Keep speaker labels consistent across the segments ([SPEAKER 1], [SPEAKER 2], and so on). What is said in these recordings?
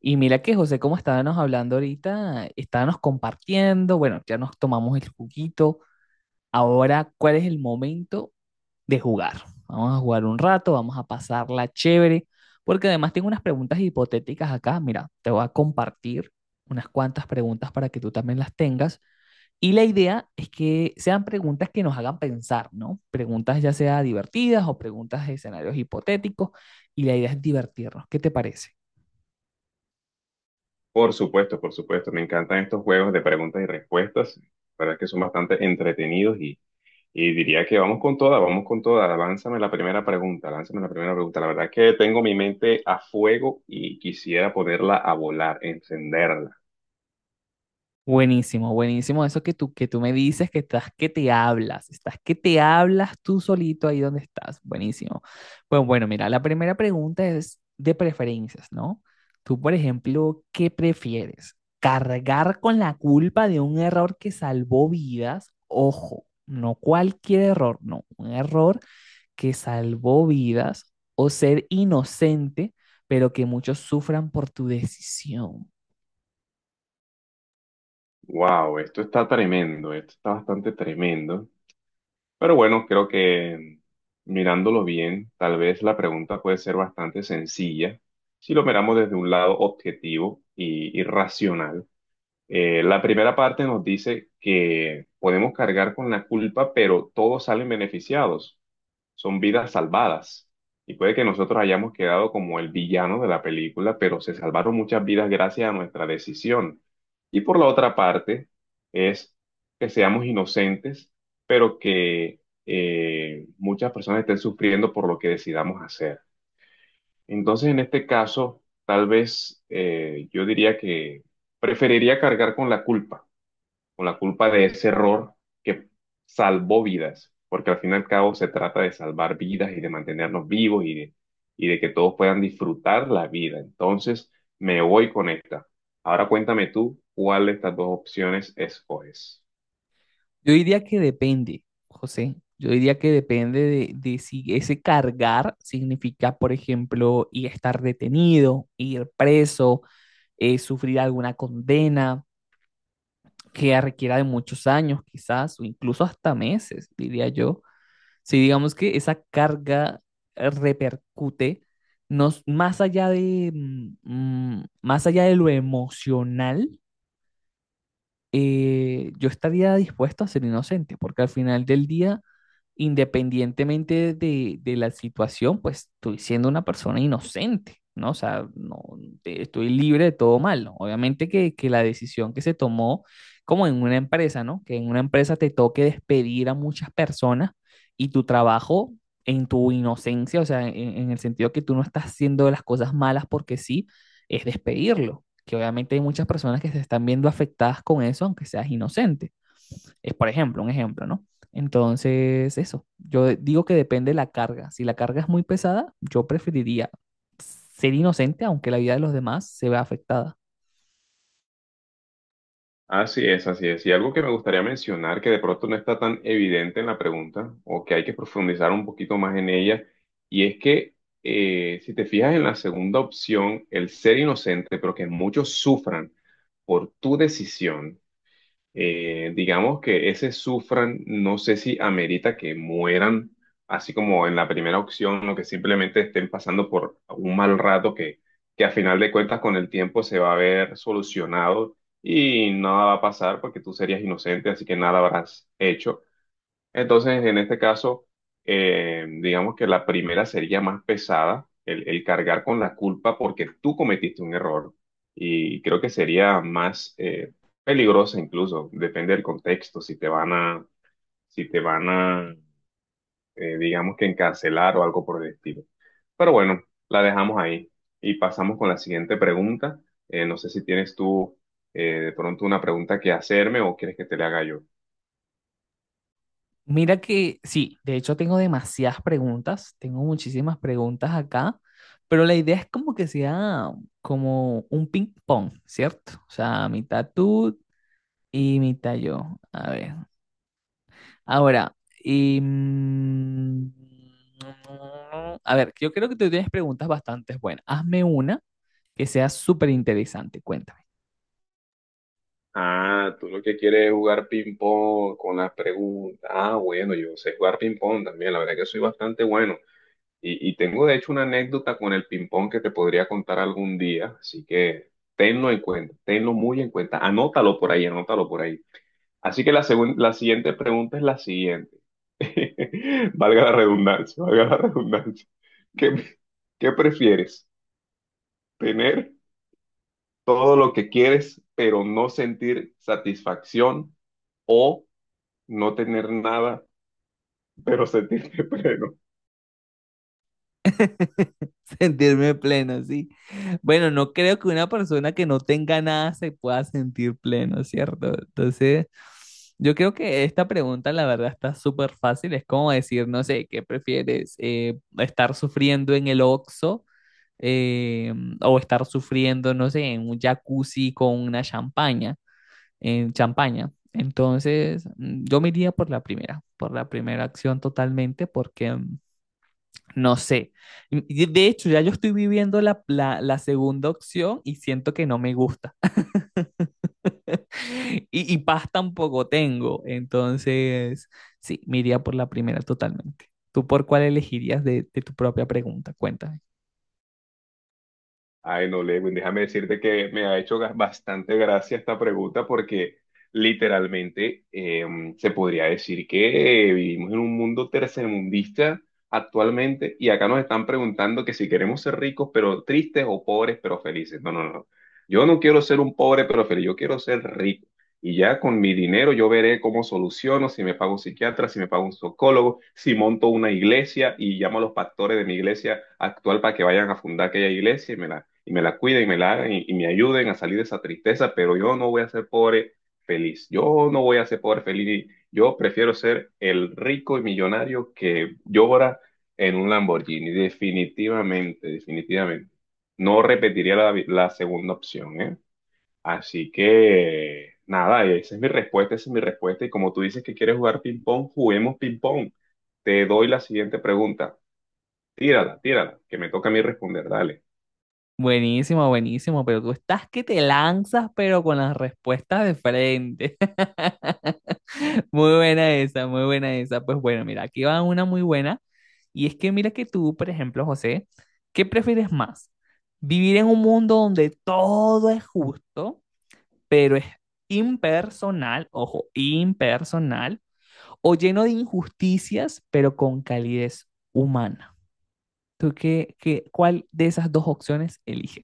[SPEAKER 1] Y mira que José, como estábamos hablando ahorita, estábamos compartiendo, bueno, ya nos tomamos el juguito. Ahora, ¿cuál es el momento de jugar? Vamos a jugar un rato, vamos a pasarla chévere, porque además tengo unas preguntas hipotéticas acá. Mira, te voy a compartir unas cuantas preguntas para que tú también las tengas. Y la idea es que sean preguntas que nos hagan pensar, ¿no? Preguntas ya sea divertidas o preguntas de escenarios hipotéticos, y la idea es divertirnos. ¿Qué te parece?
[SPEAKER 2] Por supuesto, por supuesto. Me encantan estos juegos de preguntas y respuestas. La verdad es que son bastante entretenidos y diría que vamos con toda, vamos con toda. Lánzame la primera pregunta, lánzame la primera pregunta. La verdad es que tengo mi mente a fuego y quisiera ponerla a volar, encenderla.
[SPEAKER 1] Buenísimo, buenísimo. Eso que tú me dices, que estás que te hablas, estás que te hablas tú solito ahí donde estás. Buenísimo. Pues bueno, mira, la primera pregunta es de preferencias, ¿no? Tú, por ejemplo, ¿qué prefieres? ¿Cargar con la culpa de un error que salvó vidas? Ojo, no cualquier error, no, un error que salvó vidas o ser inocente, pero que muchos sufran por tu decisión.
[SPEAKER 2] Wow, esto está tremendo, esto está bastante tremendo. Pero bueno, creo que mirándolo bien, tal vez la pregunta puede ser bastante sencilla si lo miramos desde un lado objetivo y, irracional. La primera parte nos dice que podemos cargar con la culpa, pero todos salen beneficiados. Son vidas salvadas. Y puede que nosotros hayamos quedado como el villano de la película, pero se salvaron muchas vidas gracias a nuestra decisión. Y por la otra parte, es que seamos inocentes, pero que muchas personas estén sufriendo por lo que decidamos hacer. Entonces, en este caso, tal vez yo diría que preferiría cargar con la culpa o la culpa de ese error que salvó vidas, porque al fin y al cabo se trata de salvar vidas y de mantenernos vivos y de que todos puedan disfrutar la vida. Entonces, me voy con esta. Ahora cuéntame tú cuál de estas dos opciones escoges.
[SPEAKER 1] Yo diría que depende, José. Yo diría que depende de si ese cargar significa, por ejemplo, ir a estar detenido, ir preso, sufrir alguna condena que requiera de muchos años, quizás, o incluso hasta meses, diría yo. Si digamos que esa carga repercute nos, más allá de, más allá de lo emocional, yo estaría dispuesto a ser inocente, porque al final del día independientemente de la situación, pues estoy siendo una persona inocente, ¿no? O sea, no, estoy libre de todo mal, ¿no? Obviamente que la decisión que se tomó, como en una empresa, ¿no? Que en una empresa te toque despedir a muchas personas y tu trabajo en tu inocencia, o sea, en el sentido que tú no estás haciendo las cosas malas porque sí, es despedirlo, que obviamente hay muchas personas que se están viendo afectadas con eso, aunque seas inocente. Es por ejemplo, un ejemplo, ¿no? Entonces, eso, yo digo que depende de la carga. Si la carga es muy pesada, yo preferiría ser inocente aunque la vida de los demás se vea afectada.
[SPEAKER 2] Así es, así es. Y algo que me gustaría mencionar, que de pronto no está tan evidente en la pregunta, o que hay que profundizar un poquito más en ella, y es que si te fijas en la segunda opción, el ser inocente, pero que muchos sufran por tu decisión, digamos que ese sufran, no sé si amerita que mueran, así como en la primera opción, o que simplemente estén pasando por un mal rato que a final de cuentas con el tiempo se va a ver solucionado y nada va a pasar porque tú serías inocente, así que nada habrás hecho. Entonces, en este caso, digamos que la primera sería más pesada, el cargar con la culpa porque tú cometiste un error y creo que sería más peligrosa incluso, depende del contexto, si te van a, digamos que encarcelar o algo por el estilo. Pero bueno, la dejamos ahí y pasamos con la siguiente pregunta. No sé si tienes tú de pronto una pregunta que hacerme o quieres que te la haga yo.
[SPEAKER 1] Mira que sí, de hecho tengo demasiadas preguntas, tengo muchísimas preguntas acá, pero la idea es como que sea como un ping pong, ¿cierto? O sea, mitad tú y mitad yo. A ver, ahora, y, mm, a ver, yo creo que tú tienes preguntas bastante buenas. Hazme una que sea súper interesante, cuéntame.
[SPEAKER 2] Ah, tú lo que quieres es jugar ping-pong con las preguntas. Ah, bueno, yo sé jugar ping-pong también, la verdad que soy bastante bueno. Y tengo de hecho una anécdota con el ping-pong que te podría contar algún día, así que tenlo en cuenta, tenlo muy en cuenta. Anótalo por ahí, anótalo por ahí. Así que la siguiente pregunta es la siguiente. Valga la redundancia, valga la redundancia. ¿Qué, ¿qué prefieres? ¿Tener todo lo que quieres, pero no sentir satisfacción o no tener nada, pero sentirte pleno?
[SPEAKER 1] Sentirme pleno, sí. Bueno, no creo que una persona que no tenga nada se pueda sentir pleno, ¿cierto? Entonces, yo creo que esta pregunta, la verdad, está súper fácil. Es como decir, no sé, ¿qué prefieres? ¿estar sufriendo en el Oxxo eh, o estar sufriendo, no sé, en un jacuzzi con una champaña, en champaña? Entonces, yo me iría por la primera acción totalmente, porque no sé. De hecho, ya yo estoy viviendo la segunda opción y siento que no me gusta. Y, y paz tampoco tengo. Entonces, sí, me iría por la primera totalmente. ¿Tú por cuál elegirías de tu propia pregunta? Cuéntame.
[SPEAKER 2] Ay, no, Lewin, déjame decirte que me ha hecho bastante gracia esta pregunta porque literalmente se podría decir que vivimos en un mundo tercermundista actualmente y acá nos están preguntando que si queremos ser ricos pero tristes o pobres pero felices. No, no, no. Yo no quiero ser un pobre pero feliz, yo quiero ser rico. Y ya con mi dinero yo veré cómo soluciono, si me pago un psiquiatra, si me pago un psicólogo, si monto una iglesia y llamo a los pastores de mi iglesia actual para que vayan a fundar aquella iglesia y y me la cuiden y me la hagan y me ayuden a salir de esa tristeza, pero yo no voy a ser pobre feliz. Yo no voy a ser pobre feliz. Yo prefiero ser el rico y millonario que llora en un Lamborghini. Definitivamente, definitivamente. No repetiría la segunda opción, ¿eh? Así que nada, y esa es mi respuesta, esa es mi respuesta. Y como tú dices que quieres jugar ping-pong, juguemos ping-pong. Te doy la siguiente pregunta. Tírala, tírala, que me toca a mí responder. Dale.
[SPEAKER 1] Buenísimo, buenísimo, pero tú estás que te lanzas, pero con las respuestas de frente. Muy buena esa, muy buena esa. Pues bueno, mira, aquí va una muy buena. Y es que mira que tú, por ejemplo, José, ¿qué prefieres más? ¿Vivir en un mundo donde todo es justo, pero es impersonal, ojo, impersonal, o lleno de injusticias, pero con calidez humana? ¿ cuál de esas dos opciones eliges?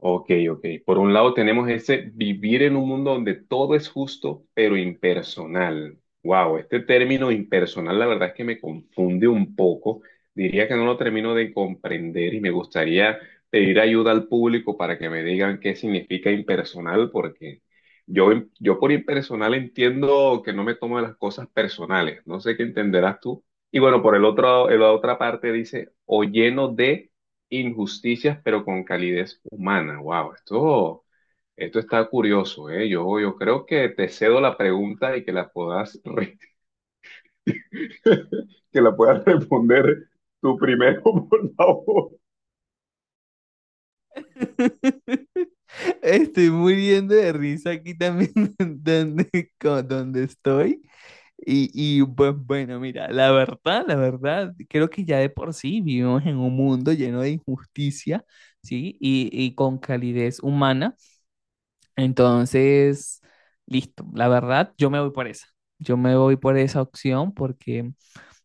[SPEAKER 2] Ok, ok. Por un lado tenemos ese vivir en un mundo donde todo es justo, pero impersonal. Wow, este término impersonal la verdad es que me confunde un poco. Diría que no lo termino de comprender y me gustaría pedir ayuda al público para que me digan qué significa impersonal, porque yo, yo por impersonal entiendo que no me tomo las cosas personales. No sé qué entenderás tú. Y bueno, por el otro, la otra parte dice, o lleno de injusticias, pero con calidez humana. Wow, esto está curioso, ¿eh? Yo creo que te cedo la pregunta y que la puedas, que la puedas responder tú primero, por favor.
[SPEAKER 1] Estoy muriendo de risa aquí también donde, donde estoy. Y, y pues bueno, mira, la verdad, creo que ya de por sí vivimos en un mundo lleno de injusticia, ¿sí? Y con calidez humana. Entonces, listo, la verdad, yo me voy por esa. Yo me voy por esa opción porque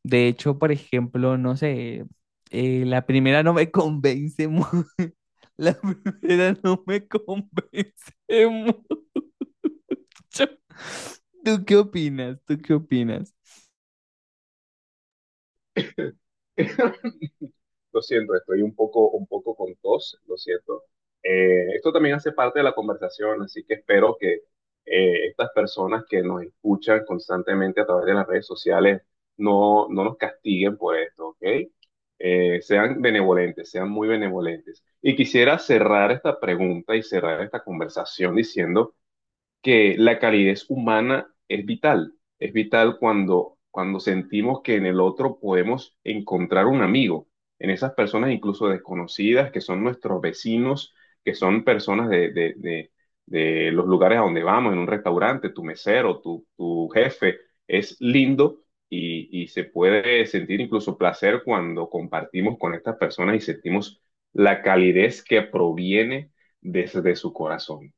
[SPEAKER 1] de hecho, por ejemplo, no sé, la primera no me convence mucho. La primera no me convence mucho. ¿Tú qué opinas? ¿Tú qué opinas?
[SPEAKER 2] Lo siento, estoy un poco con tos, lo siento. Esto también hace parte de la conversación, así que espero que estas personas que nos escuchan constantemente a través de las redes sociales no nos castiguen por esto, ¿ok? Sean benevolentes, sean muy benevolentes. Y quisiera cerrar esta pregunta y cerrar esta conversación diciendo que la calidez humana es vital. Es vital cuando, cuando sentimos que en el otro podemos encontrar un amigo, en esas personas incluso desconocidas, que son nuestros vecinos, que son personas de los lugares a donde vamos, en un restaurante, tu mesero, tu jefe, es lindo. Y se puede sentir incluso placer cuando compartimos con estas personas y sentimos la calidez que proviene desde su corazón.